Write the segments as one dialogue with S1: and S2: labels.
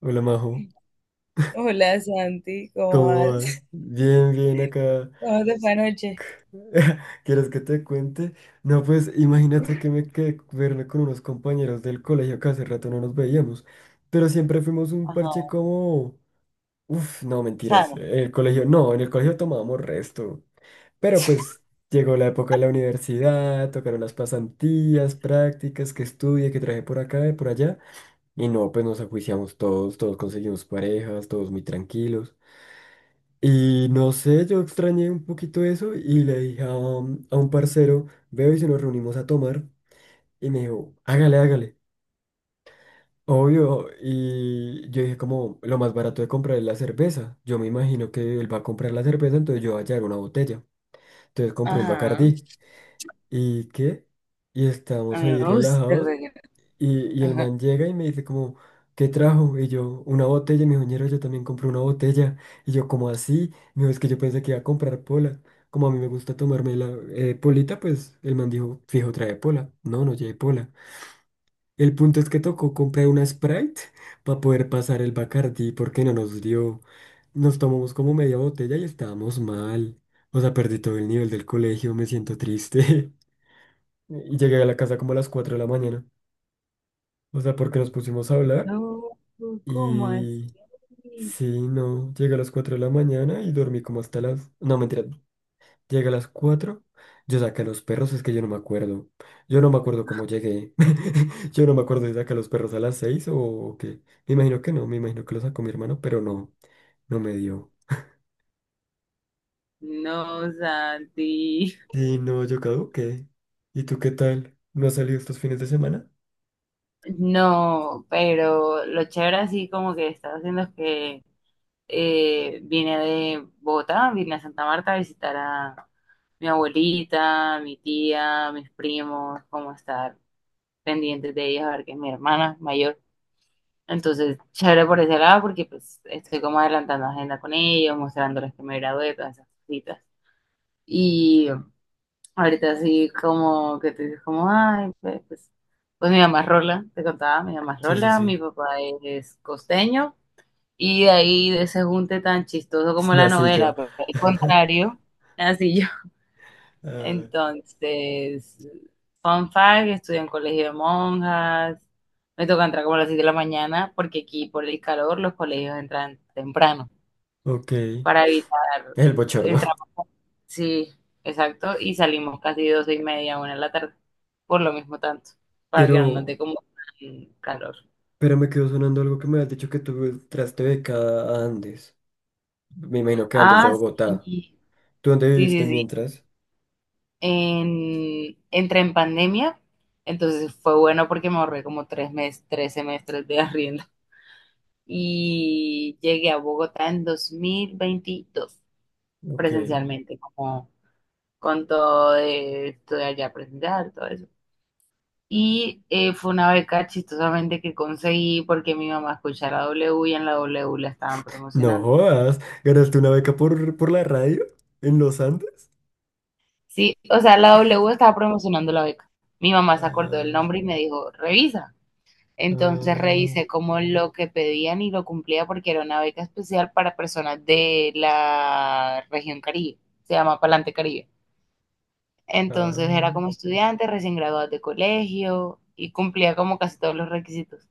S1: Hola Majo,
S2: Hola Santi, ¿cómo
S1: ¿cómo vas?
S2: vas?
S1: Bien, bien acá.
S2: ¿Cómo te fue anoche?
S1: ¿Quieres que te cuente? No, pues imagínate que me quedé verme con unos compañeros del colegio que hace rato no nos veíamos, pero siempre fuimos un
S2: Ajá,
S1: parche como... Uf, no, mentiras.
S2: Sara.
S1: En el colegio, no, en el colegio tomábamos resto, pero pues llegó la época de la universidad, tocaron las pasantías, prácticas, que estudié, que traje por acá y por allá, y no, pues nos ajuiciamos todos, todos conseguimos parejas, todos muy tranquilos. Y no sé, yo extrañé un poquito eso y le dije a un parcero, veo y si nos reunimos a tomar. Y me dijo, hágale, hágale. Obvio. Y yo dije, como lo más barato de comprar es la cerveza. Yo me imagino que él va a comprar la cerveza, entonces yo voy a llevar una botella. Entonces compré un
S2: Ajá,
S1: Bacardí. ¿Y qué? Y
S2: a
S1: estábamos
S2: mí
S1: ahí
S2: me gusta el
S1: relajados.
S2: vallenato.
S1: Y el
S2: Ajá.
S1: man llega y me dice como, ¿qué trajo? Y yo, una botella. Y me dijo, ñero, yo también compré una botella. Y yo, como así? Me dijo, es que yo pensé que iba a comprar pola. Como a mí me gusta tomarme la polita, pues el man dijo, fijo, trae pola. No, no lleve pola. El punto es que tocó comprar una Sprite para poder pasar el Bacardi porque no nos dio. Nos tomamos como media botella y estábamos mal. O sea, perdí todo el nivel del colegio, me siento triste. Y llegué a la casa como a las 4 de la mañana. O sea, porque nos pusimos a hablar.
S2: No, ¿cómo
S1: Y
S2: así?
S1: sí, no, llegué a las 4 de la mañana y dormí como hasta las... No, mentira, llegué a las 4, yo saqué a los perros, es que yo no me acuerdo. Yo no me acuerdo cómo llegué. Yo no me acuerdo si saqué a los perros a las 6 o qué. Me imagino que no, me imagino que los sacó mi hermano, pero no, no me dio.
S2: No, Santi.
S1: Y no, yo caduqué. ¿Y tú qué tal? ¿No has salido estos fines de semana?
S2: No, pero lo chévere así como que estaba haciendo es que vine de Bogotá, vine a Santa Marta a visitar a mi abuelita, mi tía, mis primos, como estar pendientes de ellos, a ver que es mi hermana mayor. Entonces, chévere por ese lado porque pues estoy como adelantando agenda con ellos, mostrándoles que me gradué, todas esas cositas. Y ahorita sí como que te dices como, ay, pues, pues mi mamá es Rola, te contaba, mi mamá es
S1: Sí, sí,
S2: Rola, mi
S1: sí.
S2: papá es costeño y de ahí de ese junte tan chistoso como la
S1: Nací yo.
S2: novela, pero al contrario, así
S1: Ah,
S2: entonces, fun fact, estudio en colegio de monjas. Me toca entrar como a las 7 de la mañana porque aquí por el calor los colegios entran temprano
S1: ok,
S2: para evitar
S1: el bochorno.
S2: entrar. Sí, exacto. Y salimos casi 12 y media, una de la tarde. Por lo mismo tanto, para que no
S1: Pero...
S2: note como tan calor.
S1: Pero me quedó sonando algo que me has dicho que tú entraste becada a Andes. Me imagino que Andes de
S2: Ah,
S1: Bogotá.
S2: sí,
S1: ¿Tú dónde
S2: sí,
S1: viviste
S2: sí, sí.
S1: mientras?
S2: Entré en pandemia, entonces fue bueno porque me ahorré como tres meses, tres semestres de arriendo. Y llegué a Bogotá en 2022
S1: Ok.
S2: presencialmente, como con todo de estudiar ya presencial, todo eso. Y fue una beca chistosamente que conseguí porque mi mamá escuchaba la W y en la W la estaban
S1: No
S2: promocionando.
S1: jodas. ¿Ganaste una beca por la radio? ¿En los Andes?
S2: Sí, o sea, la W estaba promocionando la beca. Mi mamá se acordó del
S1: Ah,
S2: nombre y me dijo, revisa. Entonces
S1: ah,
S2: revisé como lo que pedían y lo cumplía porque era una beca especial para personas de la región Caribe. Se llama Palante Caribe. Entonces era
S1: ah.
S2: como estudiante, recién graduado de colegio y cumplía como casi todos los requisitos.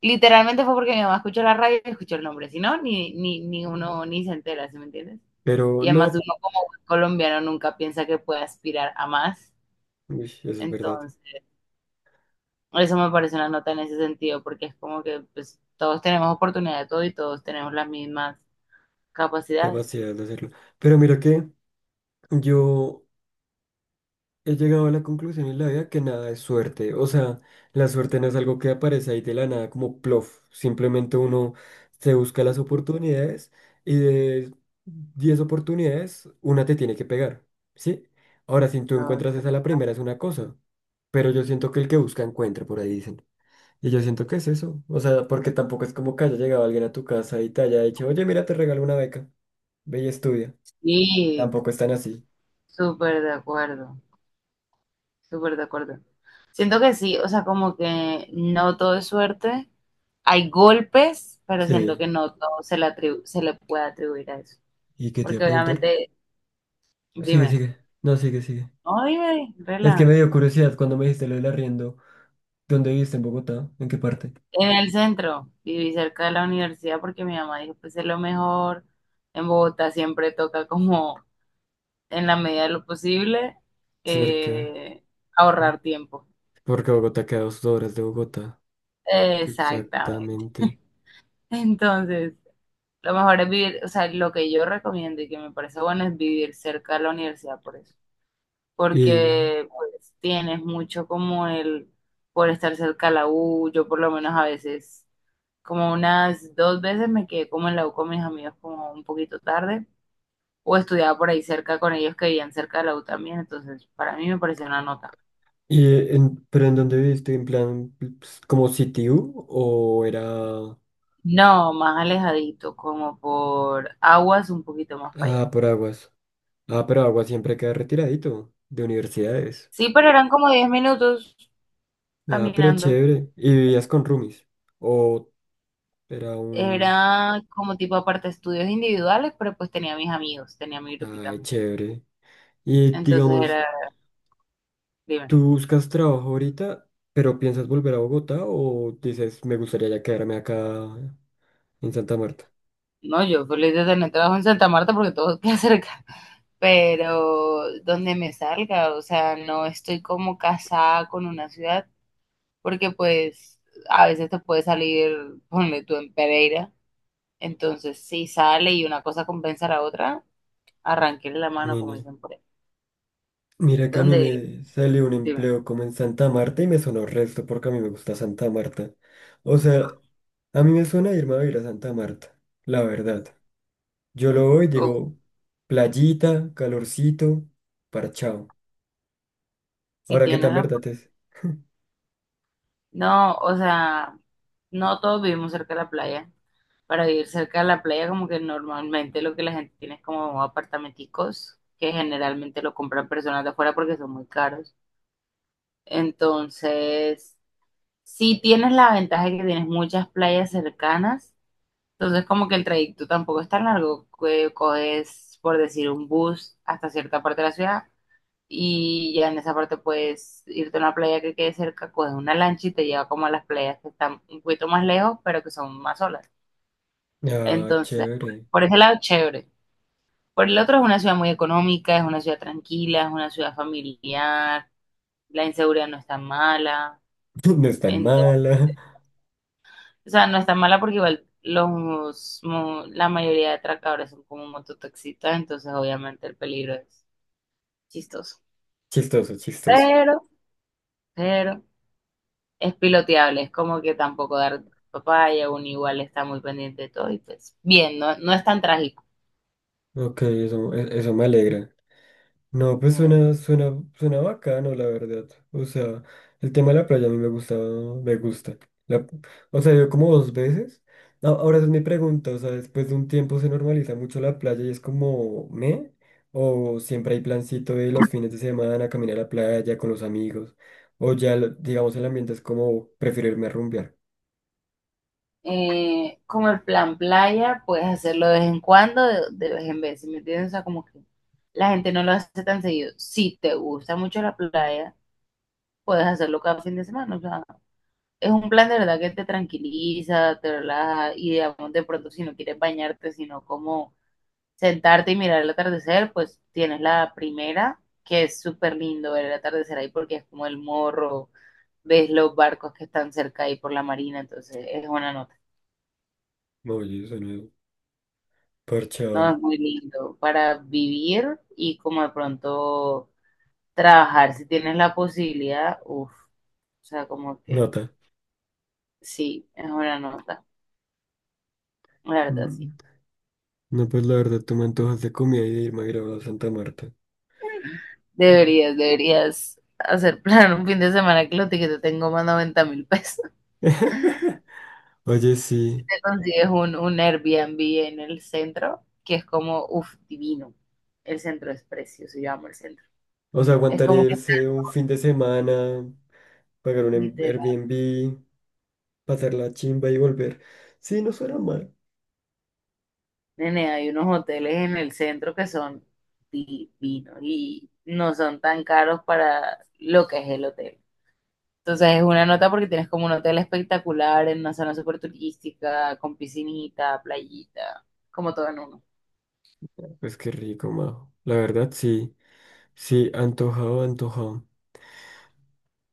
S2: Literalmente fue porque mi mamá escuchó la radio y escuchó el nombre, si no, ni uno ni se entera, ¿sí me entiendes?
S1: Pero
S2: Y además uno
S1: no.
S2: como buen colombiano nunca piensa que puede aspirar a más.
S1: Uy, eso es verdad.
S2: Entonces, eso me parece una nota en ese sentido, porque es como que pues, todos tenemos oportunidad de todo y todos tenemos las mismas
S1: Qué
S2: capacidades.
S1: capacidad de hacerlo. Pero mira que yo he llegado a la conclusión en la vida que nada es suerte. O sea, la suerte no es algo que aparece ahí de la nada como plof. Simplemente uno se busca las
S2: Ujú.
S1: oportunidades y de 10 oportunidades, una te tiene que pegar. ¿Sí? Ahora, si tú
S2: Todo-
S1: encuentras esa la primera es una cosa, pero yo siento que el que busca encuentra, por ahí dicen. Y yo siento que es eso. O sea, porque tampoco es como que haya llegado alguien a tu casa y te haya dicho, oye, mira, te regalo una beca, ve y estudia.
S2: Sí,
S1: Tampoco están así.
S2: súper de acuerdo, súper de acuerdo. Siento que sí, o sea, como que no todo es suerte. Hay golpes, pero siento
S1: Sí.
S2: que no todo se le se le puede atribuir a eso.
S1: ¿Y qué te iba a
S2: Porque
S1: preguntar?
S2: obviamente,
S1: Sigue,
S2: dime,
S1: sigue. No, sigue, sigue.
S2: no, dime,
S1: Es que me
S2: rela.
S1: dio curiosidad cuando me dijiste lo del arriendo. ¿Dónde viviste en Bogotá? ¿En qué parte?
S2: En el centro, viví cerca de la universidad porque mi mamá dijo, pues es lo mejor. En Bogotá siempre toca como, en la medida de lo posible,
S1: Cerca,
S2: eh,
S1: ¿no?
S2: ahorrar tiempo.
S1: Porque Bogotá queda a 2 horas de Bogotá,
S2: Exactamente.
S1: exactamente.
S2: Entonces, lo mejor es vivir, o sea, lo que yo recomiendo y que me parece bueno es vivir cerca de la universidad por eso,
S1: Y,
S2: porque pues tienes mucho como el, por estar cerca de la U, yo por lo menos a veces, como unas dos veces me quedé como en la U con mis amigos como un poquito tarde, o estudiaba por ahí cerca con ellos que vivían cerca de la U también, entonces para mí me pareció una nota.
S1: y en, pero ¿en dónde viviste? ¿En plan, pues, como sitio o era
S2: No, más alejadito, como por aguas un poquito más para
S1: ah,
S2: allá.
S1: por Aguas? Ah, pero Aguas siempre queda retiradito de universidades.
S2: Sí, pero eran como 10 minutos
S1: Ah, pero
S2: caminando.
S1: chévere. ¿Y vivías con roomies? ¿O era un...
S2: Era como tipo aparte estudios individuales, pero pues tenía mis amigos, tenía mi grupito de
S1: Ay,
S2: amigos.
S1: chévere. Y
S2: Entonces
S1: digamos...
S2: era, dime,
S1: ¿Tú buscas trabajo ahorita, pero piensas volver a Bogotá o dices, me gustaría ya quedarme acá en Santa Marta?
S2: no, yo feliz de tener trabajo en Santa Marta porque todo queda cerca, pero donde me salga, o sea, no estoy como casada con una ciudad, porque pues a veces te puede salir, ponle tú en Pereira, entonces si sale y una cosa compensa a la otra, arranquéle la mano, como
S1: Camine.
S2: dicen por ahí.
S1: Mira que a mí
S2: Donde,
S1: me salió un
S2: dime,
S1: empleo como en Santa Marta y me sonó resto porque a mí me gusta Santa Marta. O sea, a mí me suena irme a vivir a Santa Marta, la verdad. Yo lo voy,
S2: uf,
S1: digo, playita, calorcito, parchao.
S2: si
S1: Ahora, ¿qué
S2: tienes
S1: tan
S2: la
S1: verdad es?
S2: no, o sea, no todos vivimos cerca de la playa. Para vivir cerca de la playa, como que normalmente lo que la gente tiene es como apartamenticos, que generalmente lo compran personas de afuera porque son muy caros. Entonces, sí tienes la ventaja de que tienes muchas playas cercanas, entonces como que el trayecto tampoco es tan largo, que coges, por decir, un bus hasta cierta parte de la ciudad y ya en esa parte puedes irte a una playa que quede cerca, coges una lancha y te lleva como a las playas que están un poquito más lejos, pero que son más solas.
S1: Ah,
S2: Entonces, por
S1: chévere.
S2: por ese lado, chévere. Por el otro, es una ciudad muy económica, es una ciudad tranquila, es una ciudad familiar, la inseguridad no es tan mala.
S1: No es tan
S2: Entonces,
S1: mala.
S2: o sea, no es tan mala porque igual la mayoría de atracadores son como mototaxistas, entonces obviamente el peligro es chistoso.
S1: Chistoso, chistoso.
S2: Pero, pero... Es piloteable, es como que tampoco dar papaya, uno igual está muy pendiente de todo y pues bien, no, no es tan trágico.
S1: Ok, eso me alegra. No, pues suena, suena, suena bacano, la verdad. O sea, el tema de la playa a mí me gusta, me gusta. La- o sea, yo como 2 veces. Ahora esa es mi pregunta, o sea, después de un tiempo se normaliza mucho la playa y es como, ¿me? O siempre hay plancito de los fines de semana, caminar a la playa con los amigos. O ya, digamos, el ambiente es como, prefiero irme a rumbear.
S2: Como el plan playa, puedes hacerlo de vez en cuando, de vez en vez, ¿sí me entiendes? O sea, como que la gente no lo hace tan seguido. Si te gusta mucho la playa, puedes hacerlo cada fin de semana, o sea, es un plan de verdad que te tranquiliza, te relaja y digamos de pronto si no quieres bañarte, sino como sentarte y mirar el atardecer, pues tienes la primera, que es súper lindo ver el atardecer ahí porque es como el morro, ves los barcos que están cerca ahí por la marina, entonces es una nota.
S1: Oye, suena
S2: No, es
S1: parchado.
S2: muy lindo para vivir y como de pronto trabajar, si tienes la posibilidad, uff, o sea, como que
S1: Nota.
S2: sí, es una nota, la verdad sí.
S1: Mm, no, pues la verdad, tú me antojas de comida y de irme a grabar a Santa Marta. Hola.
S2: Deberías hacer plan un fin de semana que los tickets te tengo más 90.000 pesos.
S1: Oye, sí.
S2: Consigues un Airbnb en el centro, que es como, uff, divino. El centro es precioso, yo amo el centro.
S1: O sea,
S2: Es
S1: aguantaría
S2: como que,
S1: irse un fin de semana, pagar un
S2: literal,
S1: Airbnb, pasar la chimba y volver. Sí, no suena mal.
S2: nene, hay unos hoteles en el centro que son divinos y no son tan caros para lo que es el hotel. Entonces es una nota porque tienes como un hotel espectacular en una zona súper turística, con piscinita, playita, como todo en uno.
S1: Pues qué rico, Majo. La verdad, sí. Sí, antojado, antojado.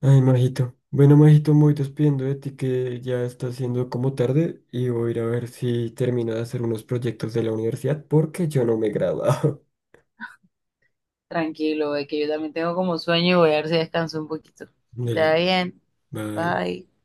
S1: Ay, Majito. Bueno, Majito, me voy despidiendo de ti que ya está siendo como tarde y voy a ir a ver si termino de hacer unos proyectos de la universidad porque yo no me he graduado.
S2: Tranquilo, ve que yo también tengo como sueño y voy a ver si descanso un poquito. Que te vaya
S1: Dele,
S2: bien.
S1: bye.
S2: Bye.